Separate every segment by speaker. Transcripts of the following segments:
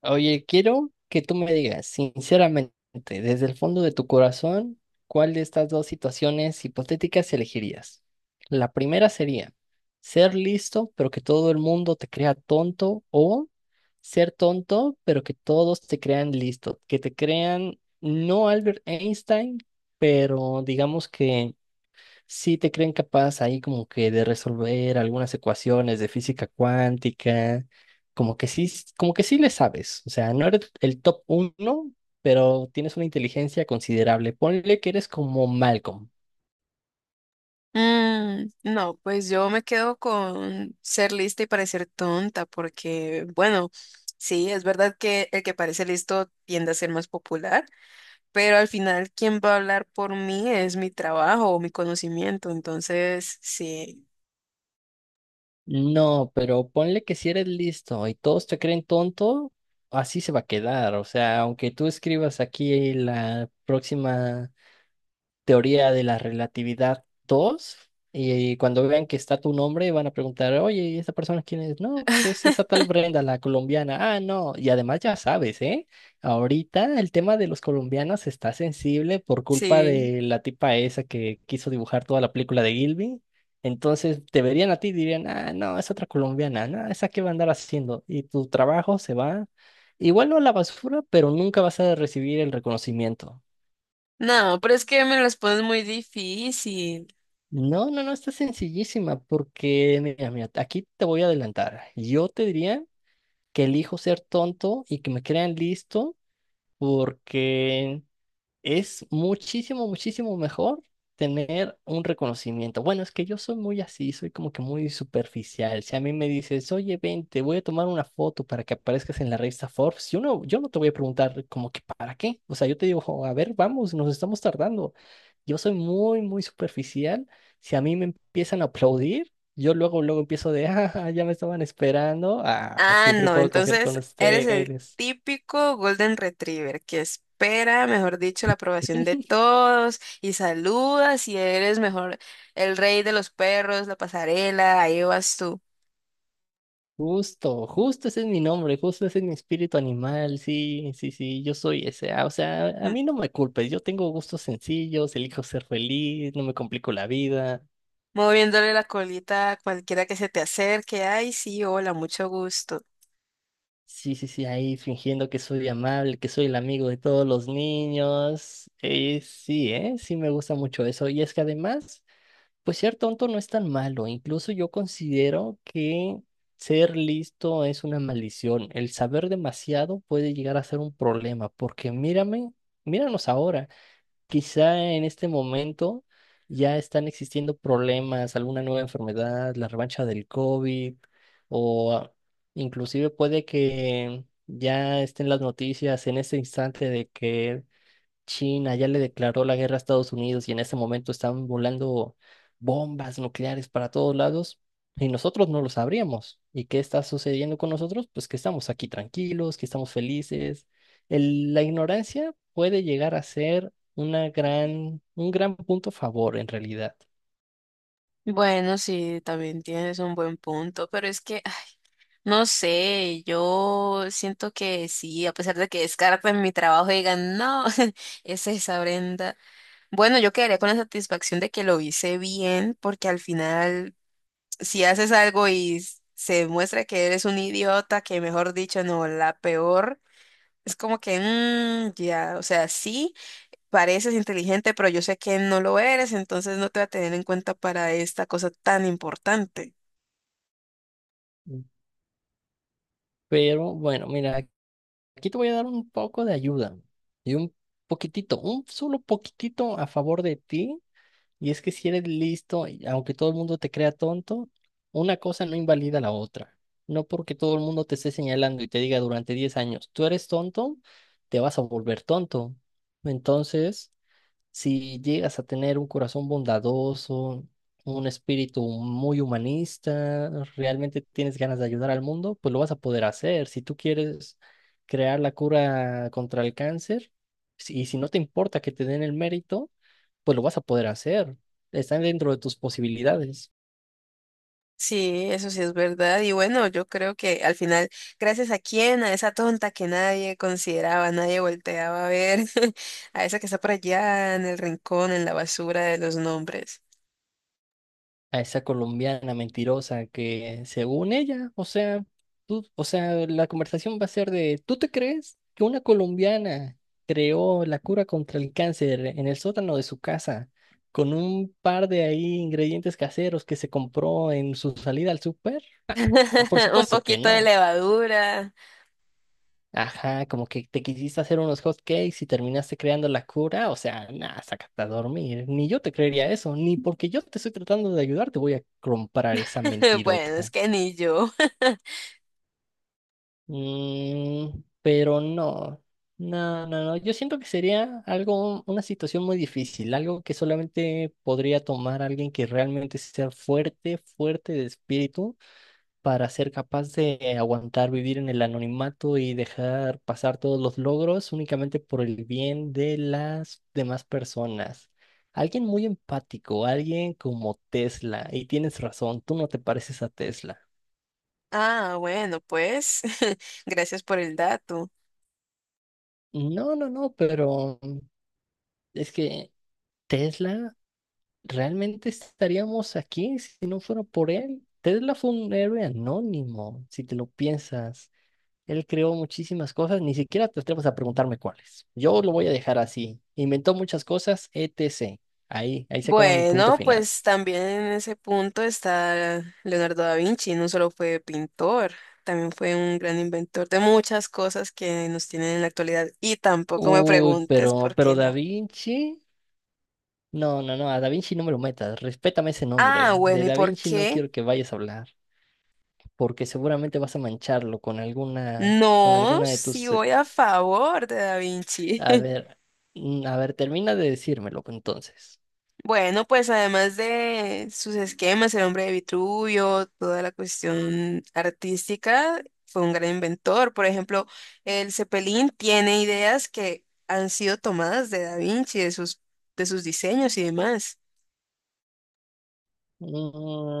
Speaker 1: Oye, quiero que tú me digas, sinceramente, desde el fondo de tu corazón, ¿cuál de estas dos situaciones hipotéticas elegirías? La primera sería ser listo, pero que todo el mundo te crea tonto, o ser tonto, pero que todos te crean listo, que te crean no Albert Einstein, pero digamos que sí te creen capaz ahí como que de resolver algunas ecuaciones de física cuántica, como que sí, como que sí le sabes, o sea, no eres el top uno, pero tienes una inteligencia considerable. Ponle que eres como Malcolm.
Speaker 2: Mm, no, pues yo me quedo con ser lista y parecer tonta, porque bueno, sí, es verdad que el que parece listo tiende a ser más popular, pero al final quien va a hablar por mí es mi trabajo o mi conocimiento, entonces sí,
Speaker 1: No, pero ponle que si eres listo y todos te creen tonto, así se va a quedar. O sea, aunque tú escribas aquí la próxima teoría de la relatividad 2 y cuando vean que está tu nombre van a preguntar, oye, ¿y esta persona quién es? No, pues es esa tal Brenda, la colombiana. Ah, no, y además ya sabes, ¿eh? Ahorita el tema de los colombianos está sensible por culpa
Speaker 2: sí.
Speaker 1: de la tipa esa que quiso dibujar toda la película de Gilby. Entonces te verían a ti y dirían, ah, no, es otra colombiana, no, esa qué va a andar haciendo. Y tu trabajo se va, igual no a la basura, pero nunca vas a recibir el reconocimiento.
Speaker 2: No, pero es que me las pones muy difícil.
Speaker 1: No, no, no, está sencillísima porque, mira, mira, aquí te voy a adelantar. Yo te diría que elijo ser tonto y que me crean listo porque es muchísimo, muchísimo mejor tener un reconocimiento. Bueno, es que yo soy muy así, soy como que muy superficial. Si a mí me dices, oye, ven, te voy a tomar una foto para que aparezcas en la revista Forbes, yo no te voy a preguntar como que para qué. O sea, yo te digo, "Jo, a ver, vamos, nos estamos tardando." Yo soy muy, muy superficial. Si a mí me empiezan a aplaudir, yo luego, luego empiezo de, ah, ya me estaban esperando. Ah,
Speaker 2: Ah,
Speaker 1: siempre
Speaker 2: no,
Speaker 1: puedo confiar con
Speaker 2: entonces eres el
Speaker 1: ustedes.
Speaker 2: típico Golden Retriever que espera, mejor dicho, la aprobación de todos y saludas y eres mejor el rey de los perros, la pasarela, ahí vas tú,
Speaker 1: Justo, justo ese es mi nombre, justo ese es mi espíritu animal, sí, sí, sí, yo soy ese. Ah, o sea, a
Speaker 2: m-
Speaker 1: mí no me culpes, yo tengo gustos sencillos, elijo ser feliz, no me complico la vida.
Speaker 2: moviéndole la colita a cualquiera que se te acerque. Ay, sí, hola, mucho gusto.
Speaker 1: Sí, sí, sí, ahí fingiendo que soy amable, que soy el amigo de todos los niños. Sí, sí me gusta mucho eso. Y es que además... Pues ser tonto no es tan malo, incluso yo considero que ser listo es una maldición. El saber demasiado puede llegar a ser un problema, porque mírame, míranos ahora. Quizá en este momento ya están existiendo problemas, alguna nueva enfermedad, la revancha del COVID, o ah, inclusive puede que ya estén las noticias en este instante de que China ya le declaró la guerra a Estados Unidos y en ese momento están volando bombas nucleares para todos lados y nosotros no lo sabríamos. ¿Y qué está sucediendo con nosotros? Pues que estamos aquí tranquilos, que estamos felices. La ignorancia puede llegar a ser una gran, un gran punto a favor en realidad.
Speaker 2: Bueno, sí, también tienes un buen punto, pero es que, no sé, yo siento que sí, a pesar de que descarten mi trabajo y digan, no, es esa Brenda. Bueno, yo quedaría con la satisfacción de que lo hice bien, porque al final, si haces algo y se demuestra que eres un idiota, que mejor dicho, no, la peor, es como que, ya, o sea, sí, pareces inteligente, pero yo sé que no lo eres, entonces no te voy a tener en cuenta para esta cosa tan importante.
Speaker 1: Pero bueno, mira, aquí te voy a dar un poco de ayuda y un poquitito, un solo poquitito a favor de ti. Y es que si eres listo, y aunque todo el mundo te crea tonto, una cosa no invalida la otra. No porque todo el mundo te esté señalando y te diga durante 10 años, tú eres tonto, te vas a volver tonto. Entonces, si llegas a tener un corazón bondadoso, un espíritu muy humanista, realmente tienes ganas de ayudar al mundo, pues lo vas a poder hacer. Si tú quieres crear la cura contra el cáncer, y si no te importa que te den el mérito, pues lo vas a poder hacer. Está dentro de tus posibilidades.
Speaker 2: Sí, eso sí es verdad. Y bueno, yo creo que al final, gracias a quién, a esa tonta que nadie consideraba, nadie volteaba a ver, a esa que está por allá en el rincón, en la basura de los nombres.
Speaker 1: A esa colombiana mentirosa que según ella, o sea, tú, o sea, la conversación va a ser de, ¿tú te crees que una colombiana creó la cura contra el cáncer en el sótano de su casa con un par de ahí ingredientes caseros que se compró en su salida al súper? Por
Speaker 2: Un
Speaker 1: supuesto que
Speaker 2: poquito de
Speaker 1: no.
Speaker 2: levadura.
Speaker 1: Ajá, como que te quisiste hacer unos hot cakes y terminaste creando la cura, o sea, nada, sácate a dormir. Ni yo te creería eso, ni porque yo te estoy tratando de ayudar te voy a comprar esa
Speaker 2: Bueno, es
Speaker 1: mentirota.
Speaker 2: que ni yo.
Speaker 1: Mm, pero no, no, no, no. Yo siento que sería algo, una situación muy difícil, algo que solamente podría tomar alguien que realmente sea fuerte, fuerte de espíritu, para ser capaz de aguantar vivir en el anonimato y dejar pasar todos los logros únicamente por el bien de las demás personas. Alguien muy empático, alguien como Tesla, y tienes razón, tú no te pareces a Tesla.
Speaker 2: Ah, bueno, pues, gracias por el dato.
Speaker 1: No, no, no, pero es que Tesla, ¿realmente estaríamos aquí si no fuera por él? Tesla fue un héroe anónimo, si te lo piensas. Él creó muchísimas cosas, ni siquiera te atreves a preguntarme cuáles. Yo lo voy a dejar así. Inventó muchas cosas, etc. Ahí, ahí se acaba mi punto
Speaker 2: Bueno,
Speaker 1: final.
Speaker 2: pues también en ese punto está Leonardo da Vinci, no solo fue pintor, también fue un gran inventor de muchas cosas que nos tienen en la actualidad. Y tampoco me
Speaker 1: Uy,
Speaker 2: preguntes por
Speaker 1: pero
Speaker 2: qué
Speaker 1: Da
Speaker 2: no.
Speaker 1: Vinci. No, no, no, a Da Vinci no me lo metas. Respétame ese
Speaker 2: Ah,
Speaker 1: nombre. De
Speaker 2: bueno, ¿y
Speaker 1: Da
Speaker 2: por
Speaker 1: Vinci no
Speaker 2: qué?
Speaker 1: quiero que vayas a hablar, porque seguramente vas a mancharlo con
Speaker 2: No,
Speaker 1: alguna de
Speaker 2: si
Speaker 1: tus...
Speaker 2: voy a favor de da Vinci.
Speaker 1: A ver, a ver, termina de decírmelo entonces.
Speaker 2: Bueno, pues además de sus esquemas, el hombre de Vitruvio, toda la cuestión artística, fue un gran inventor. Por ejemplo, el Cepelín tiene ideas que han sido tomadas de Da Vinci, de sus diseños y demás.
Speaker 1: Mm,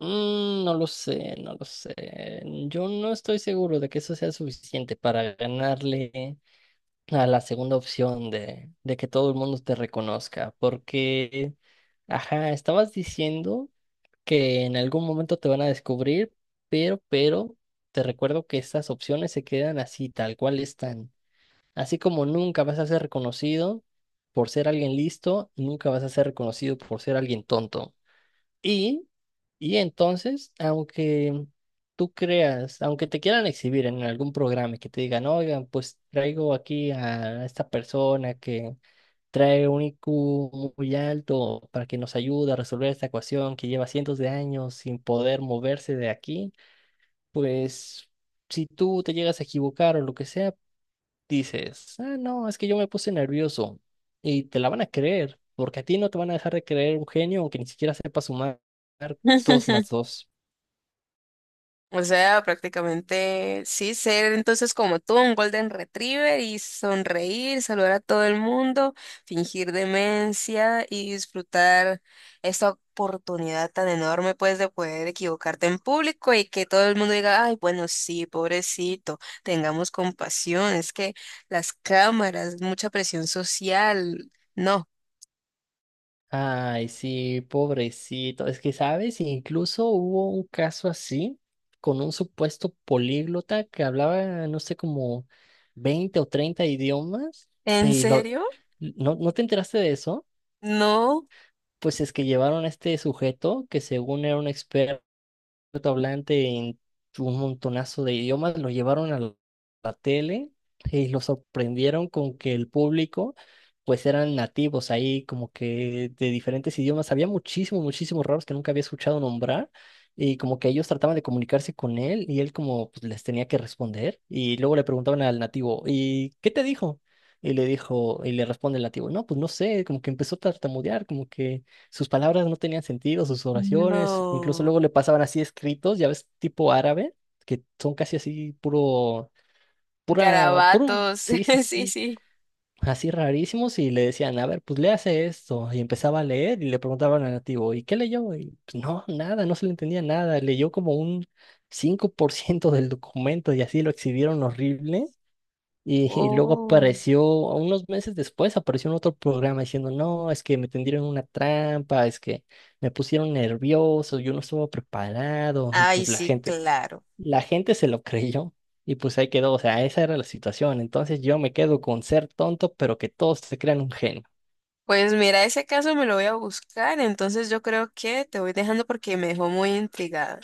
Speaker 1: no lo sé, no lo sé. Yo no estoy seguro de que eso sea suficiente para ganarle a la segunda opción de que todo el mundo te reconozca, porque, ajá, estabas diciendo que en algún momento te van a descubrir, pero, te recuerdo que estas opciones se quedan así, tal cual están. Así como nunca vas a ser reconocido por ser alguien listo, nunca vas a ser reconocido por ser alguien tonto. Y, y entonces, aunque tú creas, aunque te quieran exhibir en algún programa y que te digan, oigan, pues traigo aquí a esta persona que trae un IQ muy alto para que nos ayude a resolver esta ecuación que lleva cientos de años sin poder moverse de aquí, pues si tú te llegas a equivocar o lo que sea, dices, ah, no, es que yo me puse nervioso y te la van a creer, porque a ti no te van a dejar de creer un genio aunque ni siquiera sepa sumar dos más dos.
Speaker 2: O sea, prácticamente sí, ser entonces como tú, un golden retriever y sonreír, saludar a todo el mundo, fingir demencia y disfrutar esta oportunidad tan enorme pues de poder equivocarte en público y que todo el mundo diga, ay, bueno, sí, pobrecito, tengamos compasión, es que las cámaras, mucha presión social, no,
Speaker 1: Ay, sí, pobrecito. Es que, ¿sabes? Incluso hubo un caso así con un supuesto políglota que hablaba, no sé, como 20 o 30 idiomas
Speaker 2: ¿en
Speaker 1: y lo...
Speaker 2: serio?
Speaker 1: ¿No, no te enteraste de eso?
Speaker 2: No,
Speaker 1: Pues es que llevaron a este sujeto que según era un experto hablante en un montonazo de idiomas, lo llevaron a la tele y lo sorprendieron con que el público pues eran nativos ahí como que de diferentes idiomas. Había muchísimos, muchísimos raros que nunca había escuchado nombrar y como que ellos trataban de comunicarse con él y él como pues, les tenía que responder y luego le preguntaban al nativo, ¿y qué te dijo? Y le dijo, y le responde el nativo, no, pues no sé, como que empezó a tartamudear, como que sus palabras no tenían sentido, sus oraciones, incluso
Speaker 2: no,
Speaker 1: luego le pasaban así escritos, ya ves, tipo árabe, que son casi así puro, pura, puro,
Speaker 2: garabatos,
Speaker 1: sí, sí,
Speaker 2: sí,
Speaker 1: sí,
Speaker 2: sí.
Speaker 1: así rarísimos y le decían, a ver, pues le hace esto, y empezaba a leer y le preguntaban al nativo, ¿y qué leyó? Y pues no, nada, no se le entendía nada, leyó como un 5% del documento y así lo exhibieron horrible. Y luego
Speaker 2: Oh.
Speaker 1: apareció, unos meses después, apareció en otro programa diciendo, no, es que me tendieron una trampa, es que me pusieron nervioso, yo no estuve preparado. Y
Speaker 2: Ay,
Speaker 1: pues
Speaker 2: sí, claro.
Speaker 1: la gente se lo creyó y pues ahí quedó, o sea, esa era la situación. Entonces yo me quedo con ser tonto, pero que todos se crean un genio.
Speaker 2: Pues mira, ese caso me lo voy a buscar, entonces yo creo que te voy dejando porque me dejó muy intrigada.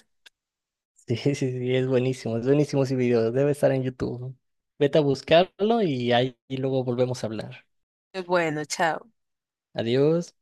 Speaker 1: Sí, sí, sí, es buenísimo ese video, debe estar en YouTube. Vete a buscarlo y ahí y luego volvemos a hablar.
Speaker 2: Bueno, chao.
Speaker 1: Adiós.